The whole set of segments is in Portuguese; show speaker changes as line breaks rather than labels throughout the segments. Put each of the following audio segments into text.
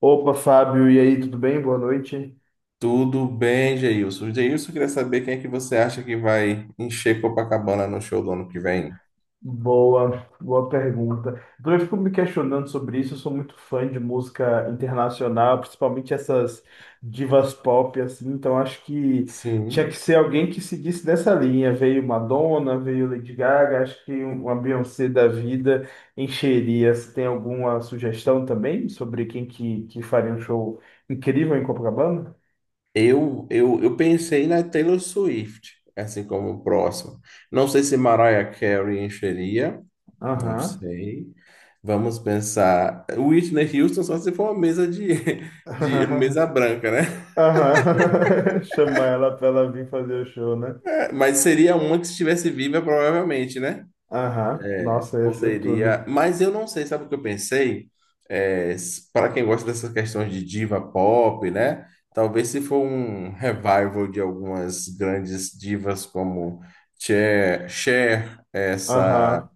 Opa, Fábio, e aí, tudo bem? Boa noite.
Tudo bem, Geilson? Geilson, queria saber quem é que você acha que vai encher Copacabana no show do ano que vem?
Boa, boa pergunta. Eu também fico me questionando sobre isso. Eu sou muito fã de música internacional, principalmente essas divas pop, assim. Então acho que tinha que
Sim.
ser alguém que seguisse dessa linha. Veio Madonna, veio Lady Gaga. Acho que uma Beyoncé da vida encheria. Você tem alguma sugestão também sobre quem que faria um show incrível em Copacabana?
Eu pensei na Taylor Swift, assim como o próximo. Não sei se Mariah Carey encheria, não
Aham.
sei. Vamos pensar. Whitney Houston só se for uma mesa de, de mesa branca, né?
Aham. Chamar ela pra ela vir fazer o show, né?
É, mas seria uma que estivesse viva, provavelmente, né?
Aham. Nossa, ia ser
Poderia,
tudo.
mas eu não sei, sabe o que eu pensei? É, para quem gosta dessas questões de diva pop, né? Talvez se for um revival de algumas grandes divas como Cher, Cher, essa
Aham.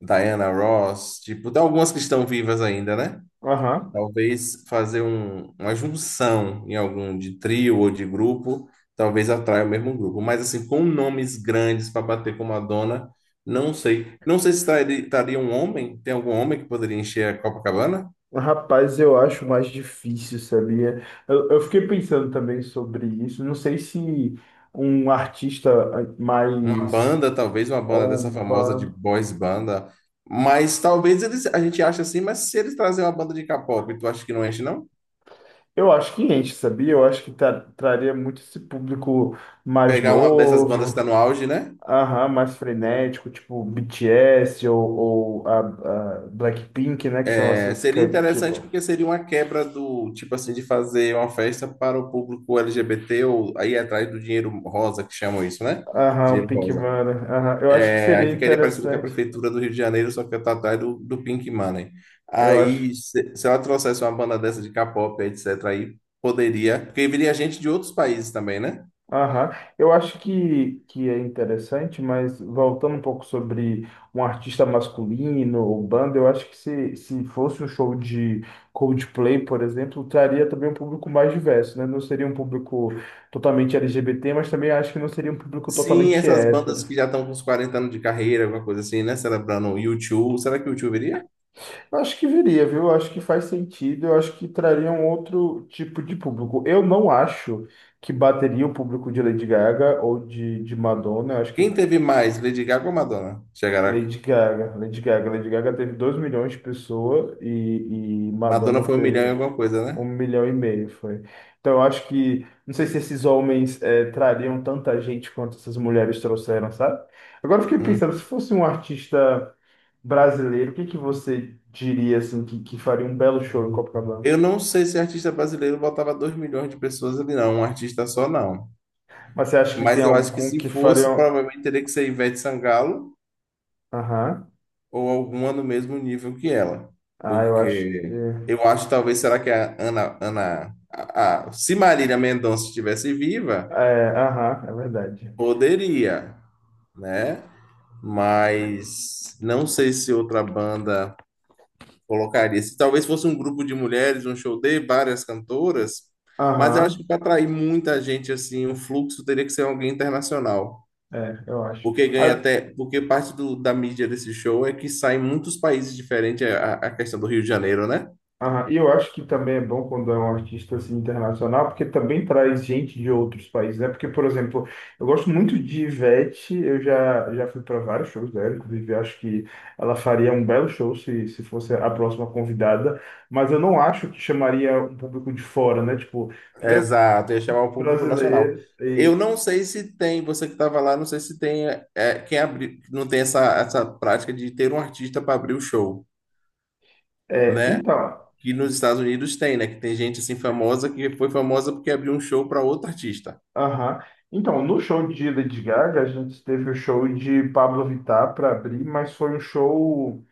Diana Ross, tipo, tem algumas que estão vivas ainda, né?
Aham.
Talvez fazer uma junção em algum de trio ou de grupo, talvez atraia o mesmo grupo. Mas assim, com nomes grandes para bater com Madonna, não sei. Não sei se estaria um homem, tem algum homem que poderia encher a Copacabana?
Rapaz, eu acho mais difícil, sabia? Eu fiquei pensando também sobre isso. Não sei se um artista
Uma
mais
banda, talvez uma banda dessa famosa de
urbano.
boys banda. Mas talvez eles, a gente ache assim, mas se eles trazerem uma banda de K-pop, tu acha que não enche, não?
Eu acho que enche, sabia? Eu acho que traria muito esse público mais
Pegar uma dessas bandas que
novo.
está no auge, né?
Aham, mais frenético, tipo BTS ou a Blackpink, né? Que são
É,
essas
seria
que
interessante
bom.
porque seria uma quebra do tipo assim de fazer uma festa para o público LGBT ou aí atrás do dinheiro rosa que chamam isso, né?
Aham, o
Dinheiro
Pink
rosa.
Mara. Aham, eu acho que
É, aí
seria
ficaria parecido com a
interessante.
prefeitura do Rio de Janeiro, só que tá atrás do Pink Money.
Eu acho.
Aí se ela trouxesse uma banda dessa de K-pop, etc, aí poderia, porque viria gente de outros países também, né?
Aham, eu acho que é interessante, mas voltando um pouco sobre um artista masculino ou banda, eu acho que se fosse um show de Coldplay, por exemplo, traria também um público mais diverso, né? Não seria um público totalmente LGBT, mas também acho que não seria um público
Sim,
totalmente
essas bandas
hétero.
que já estão com uns 40 anos de carreira, alguma coisa assim, né? Celebrando o U2, será que o U2 viria?
Eu acho que viria, viu? Eu acho que faz sentido, eu acho que traria um outro tipo de público. Eu não acho que bateria o público de Lady Gaga ou de Madonna, eu acho
Quem
que
teve mais, Lady Gaga ou Madonna? Chegaram.
Lady Gaga teve 2 milhões de pessoas e Madonna
Madonna foi 1 milhão e
teve
alguma coisa,
um
né?
milhão e meio, foi. Então eu acho que, não sei se esses homens trariam tanta gente quanto essas mulheres trouxeram, sabe? Agora eu fiquei
Hum.
pensando, se fosse um artista brasileiro, o que que você diria assim que faria um belo show em Copacabana?
Eu não sei se artista brasileiro botava 2 milhões de pessoas ali, não. Um artista só, não.
Mas você acha que
Mas
tem
eu acho que
algum que
se
faria
fosse,
um...
provavelmente teria que ser Ivete Sangalo
Aham.
ou alguma no mesmo nível que ela.
Ah, eu acho que
Porque eu acho, talvez, será que a Ana... Ana a- se Marília Mendonça estivesse viva,
é, aham, é verdade.
poderia, né? Mas não sei se outra banda colocaria. Se talvez fosse um grupo de mulheres, um show de várias cantoras, mas eu acho que
Aham,
para atrair muita gente, assim, o fluxo teria que ser alguém internacional.
é, eu acho.
Porque ganha
Ah,
até, porque parte da mídia desse show é que sai em muitos países diferentes é a questão do Rio de Janeiro, né?
Ah, e eu acho que também é bom quando é um artista assim, internacional, porque também traz gente de outros países, né? Porque, por exemplo, eu gosto muito de Ivete, eu já fui para vários shows dela, inclusive acho que ela faria um belo show se fosse a próxima convidada, mas eu não acho que chamaria um público de fora, né? Tipo, três
Exato, ia chamar o público nacional.
brasileiros e
Eu não sei se tem, você que estava lá, não sei se tem não tem essa prática de ter um artista para abrir o show,
é,
né?
então,
Que nos Estados Unidos tem, né? Que tem gente assim famosa que foi famosa porque abriu um show para outro artista.
aham. Então, no show de Lady Gaga, a gente teve o show de Pablo Vittar para abrir, mas foi um show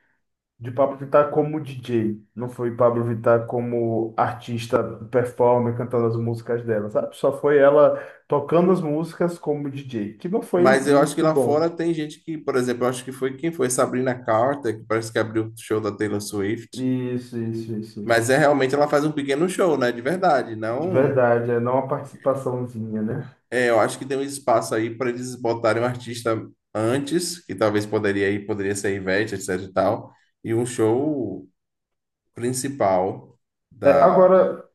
de Pablo Vittar como DJ, não foi Pablo Vittar como artista performer cantando as músicas dela, sabe? Só foi ela tocando as músicas como DJ, que não foi
Mas eu acho que
muito
lá
bom.
fora tem gente que, por exemplo, eu acho que foi Sabrina Carter, que parece que abriu o show da Taylor Swift.
Isso, isso, isso, isso.
Mas é realmente ela faz um pequeno show, né? De verdade.
De
Não,
verdade, é não é uma participaçãozinha, né?
eu acho que tem um espaço aí para eles botarem um artista antes, que talvez poderia ir, poderia ser a Ivete, etc e tal, e um show principal
É,
da.
agora,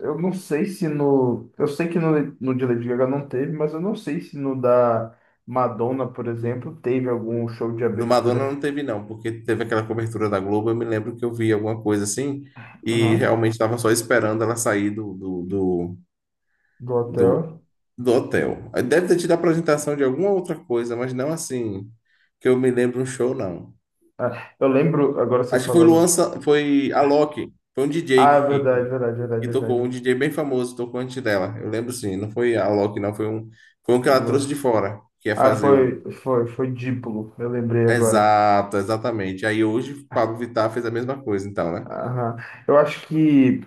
eu não sei se no. Eu sei que no, no de Lady Gaga não teve, mas eu não sei se no da Madonna, por exemplo, teve algum show de
No Madonna
abertura.
não teve, não, porque teve aquela cobertura da Globo. Eu me lembro que eu vi alguma coisa assim e
Aham,
realmente estava só esperando ela sair
do
do,
hotel.
do hotel. Aí deve ter tido a apresentação de alguma outra coisa, mas não assim que eu me lembro um show, não.
Ah, eu lembro, agora você
Acho que foi Luan,
falando.
Foi Alok, foi um
Ah, é
DJ que,
verdade,
que,
verdade,
que
verdade,
tocou, um
verdade.
DJ bem famoso, tocou antes dela. Eu lembro sim, não foi Alok, não, foi um que ela trouxe de fora, que ia
Ah,
fazer o.
foi dípulo, eu lembrei agora.
Exato, exatamente. Aí hoje o Pablo Vittar fez a mesma coisa, então, né?
Aham. Eu acho que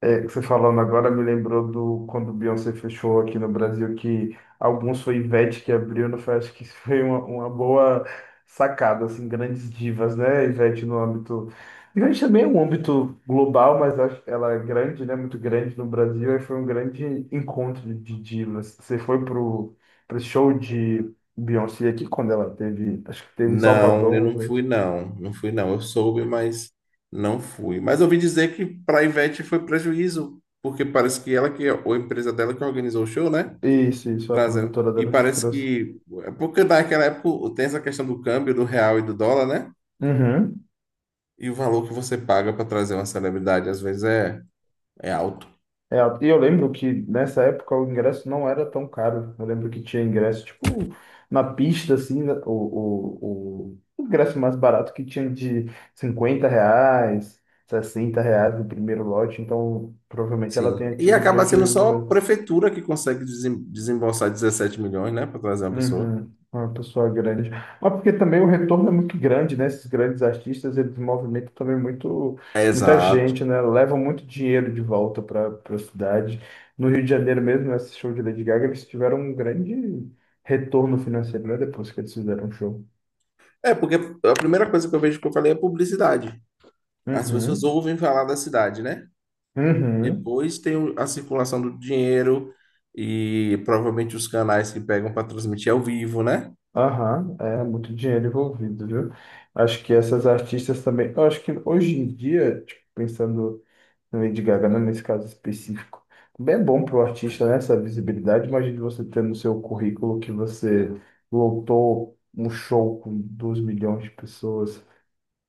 é, você falando agora me lembrou do quando o Beyoncé fechou aqui no Brasil, que alguns foi Ivete que abriu, não foi? Acho que isso foi uma boa sacada, assim, grandes divas, né? Ivete no âmbito. Ivete também é um âmbito global, mas acho que ela é grande, né? Muito grande no Brasil, e foi um grande encontro de divas. Você foi pro show de Beyoncé aqui quando ela teve, acho que teve em
Não, eu
Salvador,
não
né?
fui, não. Não fui, não. Eu soube, mas não fui. Mas eu ouvi dizer que para a Ivete foi prejuízo, porque parece que ela ou a empresa dela que organizou o show, né?
Isso, a
Trazendo.
produtora
E
dela que
parece
trouxe.
que, é porque naquela época tem essa questão do câmbio, do real e do dólar, né?
Uhum.
E o valor que você paga para trazer uma celebridade, às vezes, é alto.
É, e eu lembro que nessa época o ingresso não era tão caro. Eu lembro que tinha ingresso, tipo, na pista, assim, né, o ingresso mais barato que tinha de R$ 50, R$ 60 no primeiro lote. Então, provavelmente ela
Sim.
tenha
E
tido
acaba sendo
prejuízo
só a
mesmo.
prefeitura que consegue desembolsar 17 milhões, né? Para trazer uma pessoa.
Uhum. Uma pessoa grande. Mas porque também o retorno é muito grande, né? Esses grandes artistas, eles movimentam também muito, muita
Exato.
gente, né? Levam muito dinheiro de volta para a cidade. No Rio de Janeiro mesmo, esse show de Lady Gaga, eles tiveram um grande retorno financeiro, né? Depois que eles fizeram o show.
É, porque a primeira coisa que eu vejo que eu falei é publicidade. As pessoas
Uhum.
ouvem falar da cidade, né?
Uhum.
Depois tem a circulação do dinheiro e provavelmente os canais que pegam para transmitir ao vivo, né?
Aham, é muito dinheiro envolvido, viu? Acho que essas artistas também. Eu acho que hoje em dia, tipo, pensando. Lady Gaga, né, nesse caso específico. Bem é bom para o artista, né, essa visibilidade. Imagine você ter no seu currículo que você lotou um show com 2 milhões de pessoas.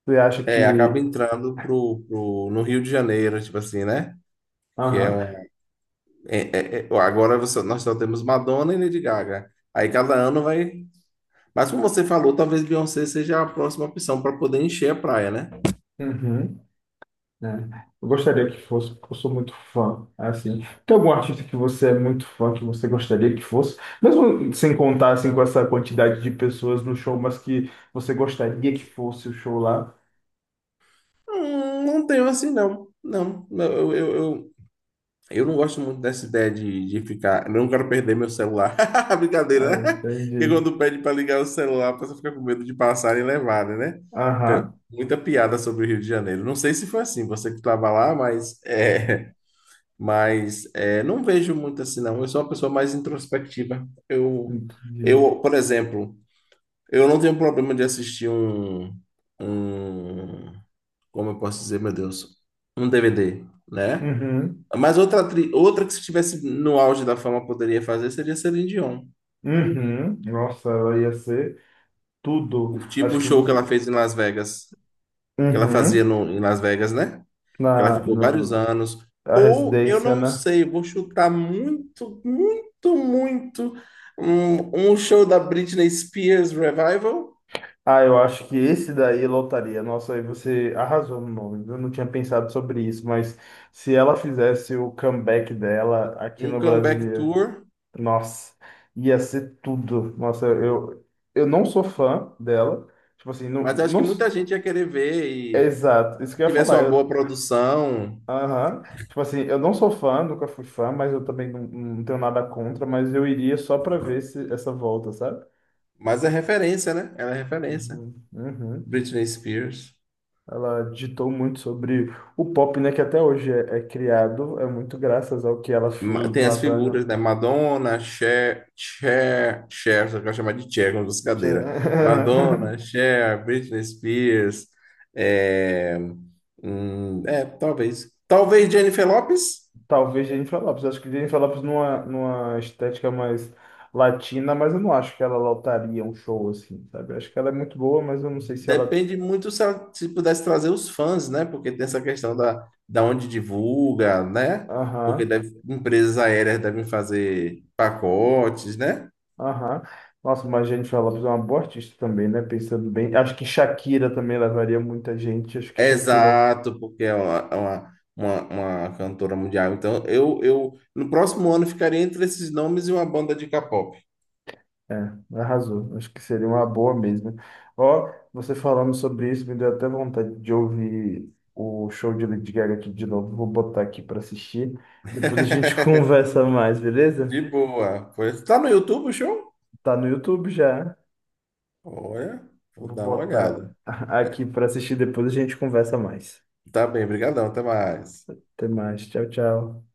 Você acha
É, acaba
que.
entrando no Rio de Janeiro, tipo assim, né? Que é
Aham,
um. Nós só temos Madonna e Lady Gaga. Aí cada ano vai. Mas como você falou, talvez Beyoncé seja a próxima opção para poder encher a praia, né?
uhum, né. Eu gostaria que fosse, porque eu sou muito fã, assim. Tem algum artista que você é muito fã, que você gostaria que fosse? Mesmo sem contar, assim, com essa quantidade de pessoas no show, mas que você gostaria que fosse o show lá?
Não tenho assim, não. Não, não, eu, eu, Eu não gosto muito dessa ideia de ficar. Eu não quero perder meu celular.
Ah,
Brincadeira, né? Porque
entendi.
quando pede para ligar o celular, a pessoa fica com medo de passar e levarem, né?
Aham,
Muita piada sobre o Rio de Janeiro. Não sei se foi assim, você que estava lá, mas, não vejo muito assim, não. Eu sou uma pessoa mais introspectiva. Eu,
entendi.
eu, por exemplo, eu não tenho problema de assistir um, como eu posso dizer, meu Deus, um DVD, né?
Uhum,
Mas outra, outra que se estivesse no auge da fama poderia fazer seria Celine Dion.
uhum. Nossa, ela ia ser tudo.
O tipo
Acho
o
que
show que
você...
ela fez em Las Vegas, que ela fazia
uhum.
no, em Las Vegas, né? Que ela ficou vários
Na
anos.
a
Ou eu
residência,
não
né?
sei, vou chutar muito, muito, muito um show da Britney Spears Revival,
Ah, eu acho que esse daí lotaria. Nossa, aí você arrasou no nome. Eu não tinha pensado sobre isso, mas se ela fizesse o comeback dela aqui
um
no
comeback
Brasil,
tour.
nossa, ia ser tudo. Nossa, eu não sou fã dela. Tipo assim,
Mas eu acho
não...
que muita gente ia querer ver e
Exato, isso que
se
eu ia
tivesse uma boa
falar.
produção.
Aham. Tipo assim, eu não sou fã, nunca fui fã, mas eu também não tenho nada contra, mas eu iria só para ver se essa volta, sabe?
Mas é referência, né? Ela é referência.
Uhum. Uhum.
Britney Spears.
Ela ditou muito sobre o pop, né, que até hoje é criado, é muito graças ao que ela fez
Tem
lá
as figuras,
pra...
né? Madonna, Cher, Cher, Cher, só que eu chamar de Cher, como dos cadeira. Madonna, Cher, Britney Spears, é, talvez. Talvez Jennifer Lopez.
Talvez Jennifer Lopes, acho que Jennifer Lopes numa estética mais latina, mas eu não acho que ela lotaria um show assim, sabe? Acho que ela é muito boa, mas eu não sei se ela...
Depende muito se, ela, se pudesse trazer os fãs, né? Porque tem essa questão da onde divulga, né? Porque
Aham.
empresas aéreas devem fazer pacotes, né?
Aham. Nossa, mas a gente Lopes é uma boa artista também, né? Pensando bem. Acho que Shakira também levaria muita gente. Acho que Shakira,
Exato, porque é uma cantora mundial. Então, eu no próximo ano ficaria entre esses nomes e uma banda de K-pop.
é, arrasou. Acho que seria uma boa mesmo. Ó, você falando sobre isso, me deu até vontade de ouvir o show de Lady Gaga aqui de novo. Vou botar aqui para assistir. Depois a gente conversa mais, beleza?
De boa. Pois, tá no YouTube o show?
Tá no YouTube já.
Olha,
Eu
vou
vou
dar uma
botar
olhada.
aqui para assistir. Depois a gente conversa mais.
Tá bem, brigadão, até mais.
Até mais. Tchau, tchau.